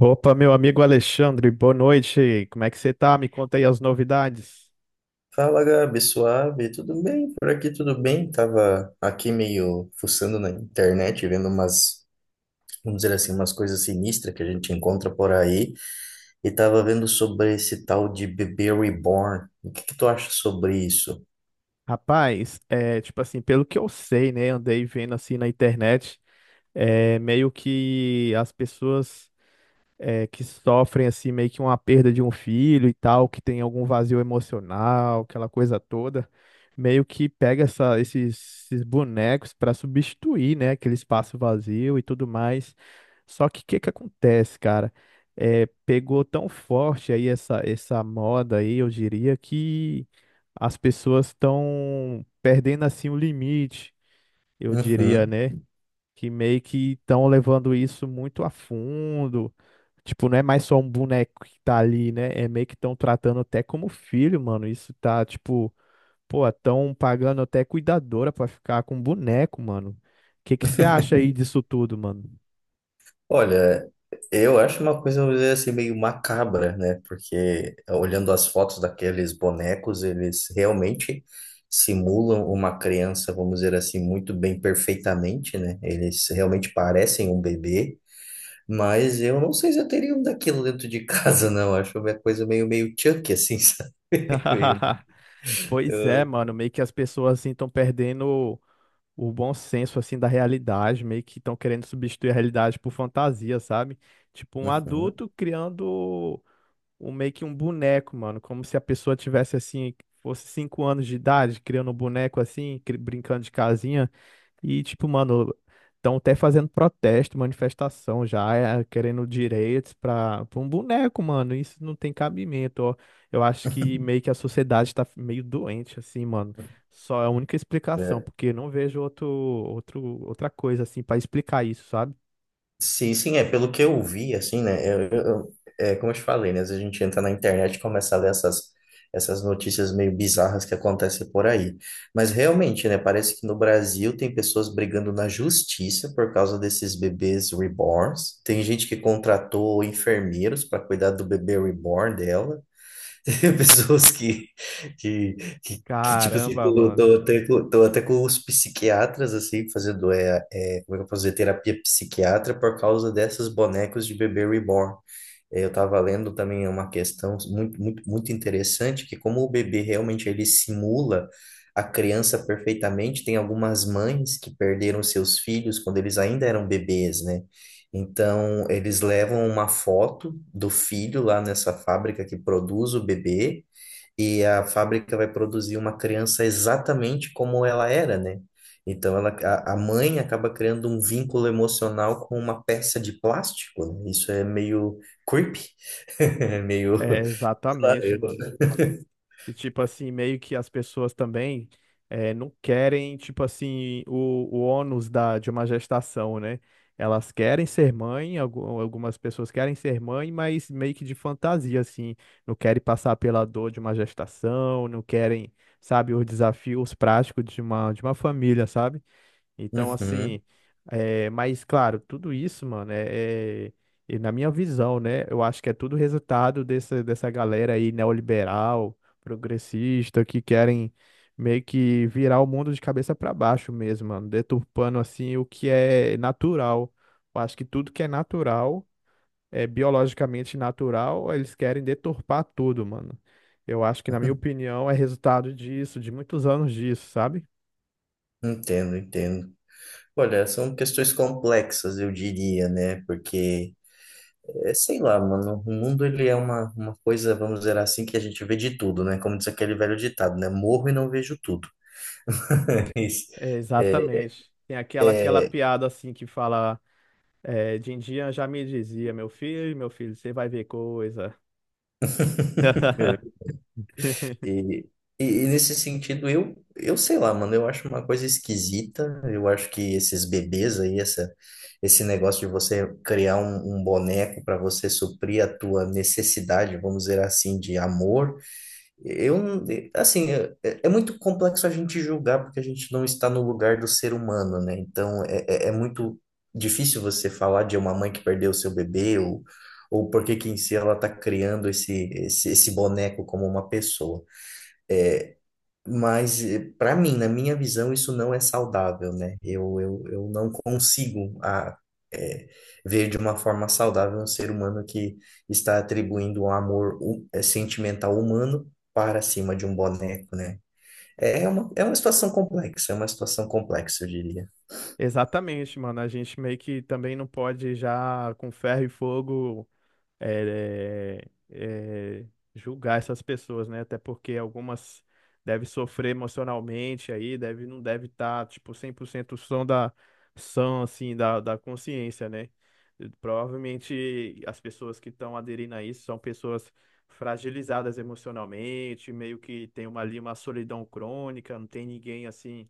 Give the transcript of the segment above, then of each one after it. Opa, meu amigo Alexandre, boa noite. Como é que você tá? Me conta aí as novidades. Fala, Gabi, suave, tudo bem? Por aqui tudo bem? Tava aqui meio fuçando na internet, vendo umas, vamos dizer assim, umas coisas sinistras que a gente encontra por aí, e tava vendo sobre esse tal de bebê reborn. O que que tu acha sobre isso? Rapaz, é tipo assim, pelo que eu sei, né? Andei vendo assim na internet, é meio que as pessoas que sofrem assim meio que uma perda de um filho e tal, que tem algum vazio emocional, aquela coisa toda, meio que pega esses bonecos para substituir, né, aquele espaço vazio e tudo mais. Só que o que que acontece, cara? É, pegou tão forte aí essa moda aí, eu diria que as pessoas estão perdendo assim o limite, eu diria, Uhum. né? Que meio que estão levando isso muito a fundo, tipo, não é mais só um boneco que tá ali, né? É meio que estão tratando até como filho, mano. Isso tá, tipo, pô, estão pagando até cuidadora pra ficar com boneco, mano. O que que você acha aí disso tudo, mano? Olha, eu acho uma coisa, vamos dizer assim, meio macabra, né? Porque olhando as fotos daqueles bonecos, eles realmente simulam uma criança, vamos dizer assim, muito bem, perfeitamente, né? Eles realmente parecem um bebê, mas eu não sei se eu teria um daquilo dentro de casa, não. Acho uma coisa meio, meio Chucky, assim, sabe? Meio... Pois é, mano, meio que as pessoas assim estão perdendo o bom senso assim da realidade, meio que estão querendo substituir a realidade por fantasia, sabe? Tipo um Uhum. adulto criando um meio que um boneco, mano, como se a pessoa tivesse assim, fosse 5 anos de idade, criando um boneco assim, brincando de casinha e tipo, mano, estão até fazendo protesto, manifestação já, querendo direitos para um boneco, mano. Isso não tem cabimento, ó. Eu acho que meio que a sociedade tá meio doente assim, mano. Só é a única explicação, É. porque não vejo outra coisa assim para explicar isso, sabe? Sim, sim, é pelo que eu vi, assim, né? Eu é como eu te falei, né? Às vezes a gente entra na internet e começa a ler essas, essas notícias meio bizarras que acontecem por aí. Mas realmente, né? Parece que no Brasil tem pessoas brigando na justiça por causa desses bebês reborns. Tem gente que contratou enfermeiros para cuidar do bebê reborn dela. pessoas que, que tipo assim, Caramba, mano. Tô até com os psiquiatras, assim, fazendo, como é que eu posso dizer, terapia psiquiatra por causa dessas bonecos de bebê reborn. É, eu estava lendo também uma questão muito, muito, muito interessante, que como o bebê realmente ele simula a criança perfeitamente, tem algumas mães que perderam seus filhos quando eles ainda eram bebês, né? Então, eles levam uma foto do filho lá nessa fábrica que produz o bebê, e a fábrica vai produzir uma criança exatamente como ela era, né? Então a mãe acaba criando um vínculo emocional com uma peça de plástico, né? Isso é meio creepy, é meio... É, sei lá, exatamente, eu- mano. E, tipo assim, meio que as pessoas também não querem, tipo assim, o ônus de uma gestação, né? Elas querem ser mãe, algumas pessoas querem ser mãe, mas meio que de fantasia, assim. Não querem passar pela dor de uma gestação, não querem, sabe, os desafios práticos de de uma família, sabe? Então, Uhum, assim, é, mas claro, tudo isso, mano, e na minha visão, né? Eu acho que é tudo resultado dessa galera aí neoliberal, progressista, que querem meio que virar o mundo de cabeça para baixo mesmo, mano, deturpando assim o que é natural. Eu acho que tudo que é natural, é biologicamente natural, eles querem deturpar tudo, mano. Eu acho que, na minha opinião, é resultado disso, de muitos anos disso, sabe? entendo, entendo. Olha, são questões complexas, eu diria, né? Porque, é, sei lá, mano, o mundo ele é uma coisa, vamos dizer assim, que a gente vê de tudo, né? Como diz aquele velho ditado, né? Morro e não vejo tudo. Isso. É, exatamente. Tem aquela, aquela É, piada assim que fala, é, Dindinha já me dizia, meu filho, você vai ver coisa. E, e nesse sentido, eu sei lá, mano, eu acho uma coisa esquisita. Eu acho que esses bebês aí, essa, esse negócio de você criar um, um boneco para você suprir a tua necessidade, vamos dizer assim, de amor eu, assim, é muito complexo a gente julgar porque a gente não está no lugar do ser humano, né? Então, é muito difícil você falar de uma mãe que perdeu o seu bebê ou por que que em si ela está criando esse boneco como uma pessoa. Mas, para mim, na minha visão, isso não é saudável, né? Eu não consigo a, é, ver de uma forma saudável um ser humano que está atribuindo um amor sentimental humano para cima de um boneco, né? É uma situação complexa, é uma situação complexa, eu diria. Exatamente, mano. A gente meio que também não pode já com ferro e fogo é, é, é, julgar essas pessoas, né? Até porque algumas devem sofrer emocionalmente aí, não deve estar, tipo, 100% são, assim, da consciência, né? Provavelmente as pessoas que estão aderindo a isso são pessoas fragilizadas emocionalmente, meio que tem uma, ali uma solidão crônica, não tem ninguém, assim,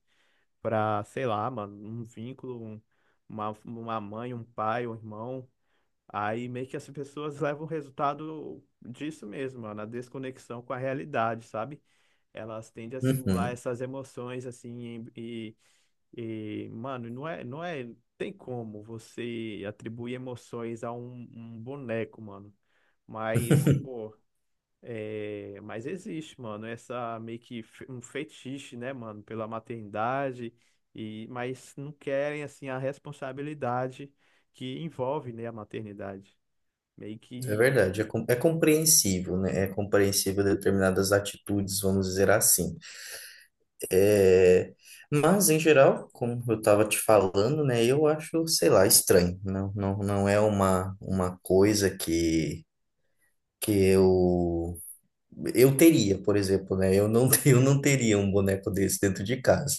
para sei lá, mano, um vínculo, uma mãe, um pai, um irmão. Aí meio que as pessoas levam o resultado disso mesmo, ó, na desconexão com a realidade, sabe? Elas tendem a simular Uhum. essas emoções assim e mano, não é, tem como você atribuir emoções a um boneco, mano. Mas, pô, é, mas existe, mano, essa meio que um fetiche, né, mano, pela maternidade e mas não querem assim a responsabilidade que envolve, né, a maternidade. Meio É que. verdade, é, com- é compreensível, né? É compreensível determinadas atitudes, vamos dizer assim. É, mas, em geral, como eu estava te falando, né, eu acho, sei lá, estranho. Não, não, não é uma coisa que eu teria, por exemplo, né? Eu não, eu não teria um boneco desse dentro de casa.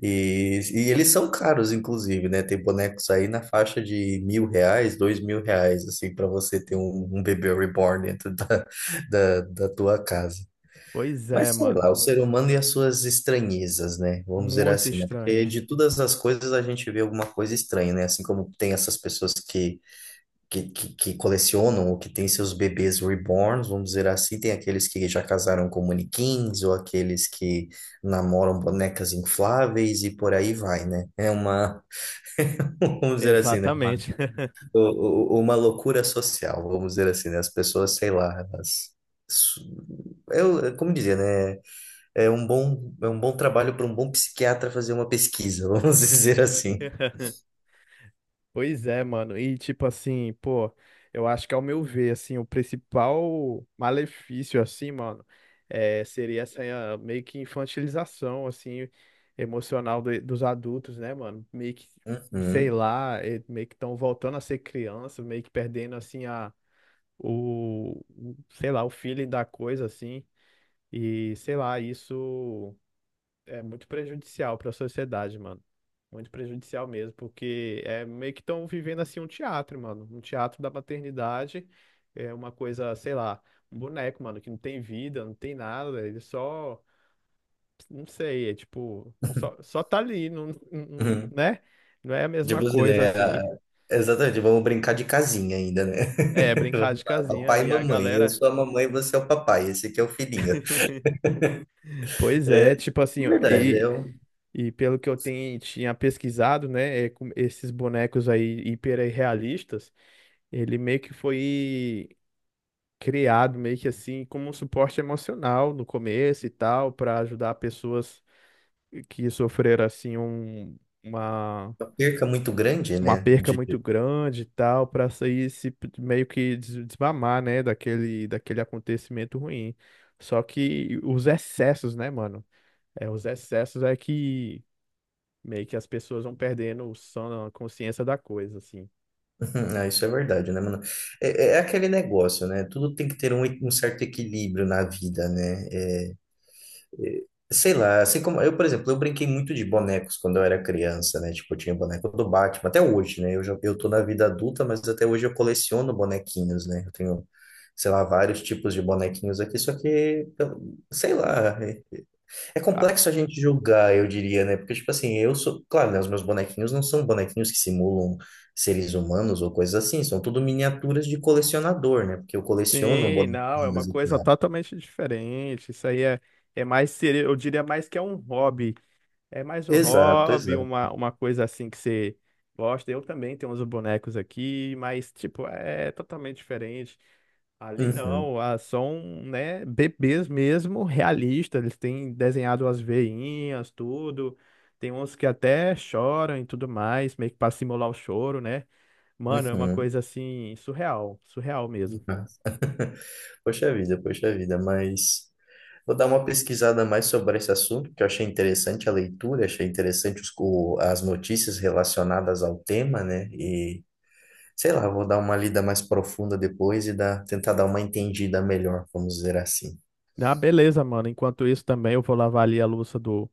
E eles são caros, inclusive, né? Tem bonecos aí na faixa de R$ 1.000, R$ 2.000, assim, para você ter um, um bebê reborn dentro da tua casa. Pois é, Mas sei mano. lá, o ser humano e as suas estranhezas, né? Vamos dizer Muito assim, né? Porque de estranhos. todas as coisas a gente vê alguma coisa estranha, né? Assim como tem essas pessoas que colecionam ou que têm seus bebês reborns, vamos dizer assim, tem aqueles que já casaram com manequins ou aqueles que namoram bonecas infláveis e por aí vai, né? É uma, vamos dizer assim, né? Uma, Exatamente. u- uma loucura social, vamos dizer assim, né? As pessoas, sei lá, elas. Eu, como dizer, né? É um bom trabalho para um bom psiquiatra fazer uma pesquisa, vamos dizer assim. Pois é, mano. E tipo assim, pô, eu acho que ao meu ver, assim, o principal malefício, assim, mano, é, seria essa eh, meio que infantilização, assim, emocional dos adultos, né, mano? Meio que, sei Uhum, lá, eh, meio que estão voltando a ser criança, meio que perdendo, assim, sei lá, o feeling da coisa, assim. E, sei lá, isso. É muito prejudicial para a sociedade, mano. Muito prejudicial mesmo, porque é meio que estão vivendo assim um teatro, mano. Um teatro da maternidade, é uma coisa, sei lá, um boneco, mano, que não tem vida, não tem nada, ele só, não sei, é tipo, só, só tá ali, uhum. né? Não é a mesma Tipo assim, coisa né? a- assim. Exatamente, vamos brincar de casinha ainda, né? É, brincar Vamos de lá, casinha papai e e a mamãe. Eu galera, sou a mamãe, você é o papai. Esse aqui é o filhinho. pois É é, tipo assim, ó, verdade, é um- e pelo que eu tenho, tinha pesquisado, né, é, com esses bonecos aí hiperrealistas. Ele meio que foi criado meio que assim como um suporte emocional no começo e tal, para ajudar pessoas que sofreram assim uma é uma perca muito grande, uma né? perca De... muito grande e tal, para sair se meio que desmamar, né, daquele acontecimento ruim. Só que os excessos, né, mano? É, os excessos é que meio que as pessoas vão perdendo a consciência da coisa, assim. Ah, isso é verdade, né, mano? É, é aquele negócio, né? Tudo tem que ter um, um certo equilíbrio na vida, né? É, sei lá, assim como eu, por exemplo, eu brinquei muito de bonecos quando eu era criança, né? Tipo, eu tinha boneco do Batman, até hoje, né? Eu já, eu tô na vida adulta, mas até hoje eu coleciono bonequinhos, né? Eu tenho, sei lá, vários tipos de bonequinhos aqui, só que, eu- sei lá, é, é complexo a gente julgar, eu diria, né? Porque, tipo assim, eu sou, claro, né? Os meus bonequinhos não são bonequinhos que simulam seres humanos ou coisas assim, são tudo miniaturas de colecionador, né? Porque eu coleciono Sim, não, é uma bonequinhos e coisa tal. totalmente diferente. Isso aí é, é mais, eu diria mais que é um hobby. É mais um Exato, hobby, exato. Uma coisa assim que você gosta. Eu também tenho uns bonecos aqui, mas, tipo, é totalmente diferente. Ali Uhum, não, ah, são, né, bebês mesmo, realistas. Eles têm desenhado as veinhas, tudo. Tem uns que até choram e tudo mais, meio que pra simular o choro, né? Mano, é uma uhum. coisa assim, surreal, surreal mesmo. Ah. Poxa vida, mas vou dar uma pesquisada mais sobre esse assunto, que eu achei interessante a leitura, achei interessante os, o- as notícias relacionadas ao tema, né? E sei lá, vou dar uma lida mais profunda depois e dar, tentar dar uma entendida melhor, vamos dizer assim. Ah, beleza, mano. Enquanto isso também eu vou lavar ali a louça do,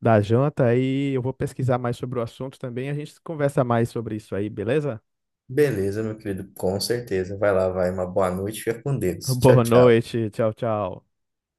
da janta e eu vou pesquisar mais sobre o assunto também. A gente conversa mais sobre isso aí, beleza? Beleza, meu querido, com certeza. Vai lá, vai, uma boa noite, fica com Deus. Tchau, Boa tchau. noite. Tchau, tchau.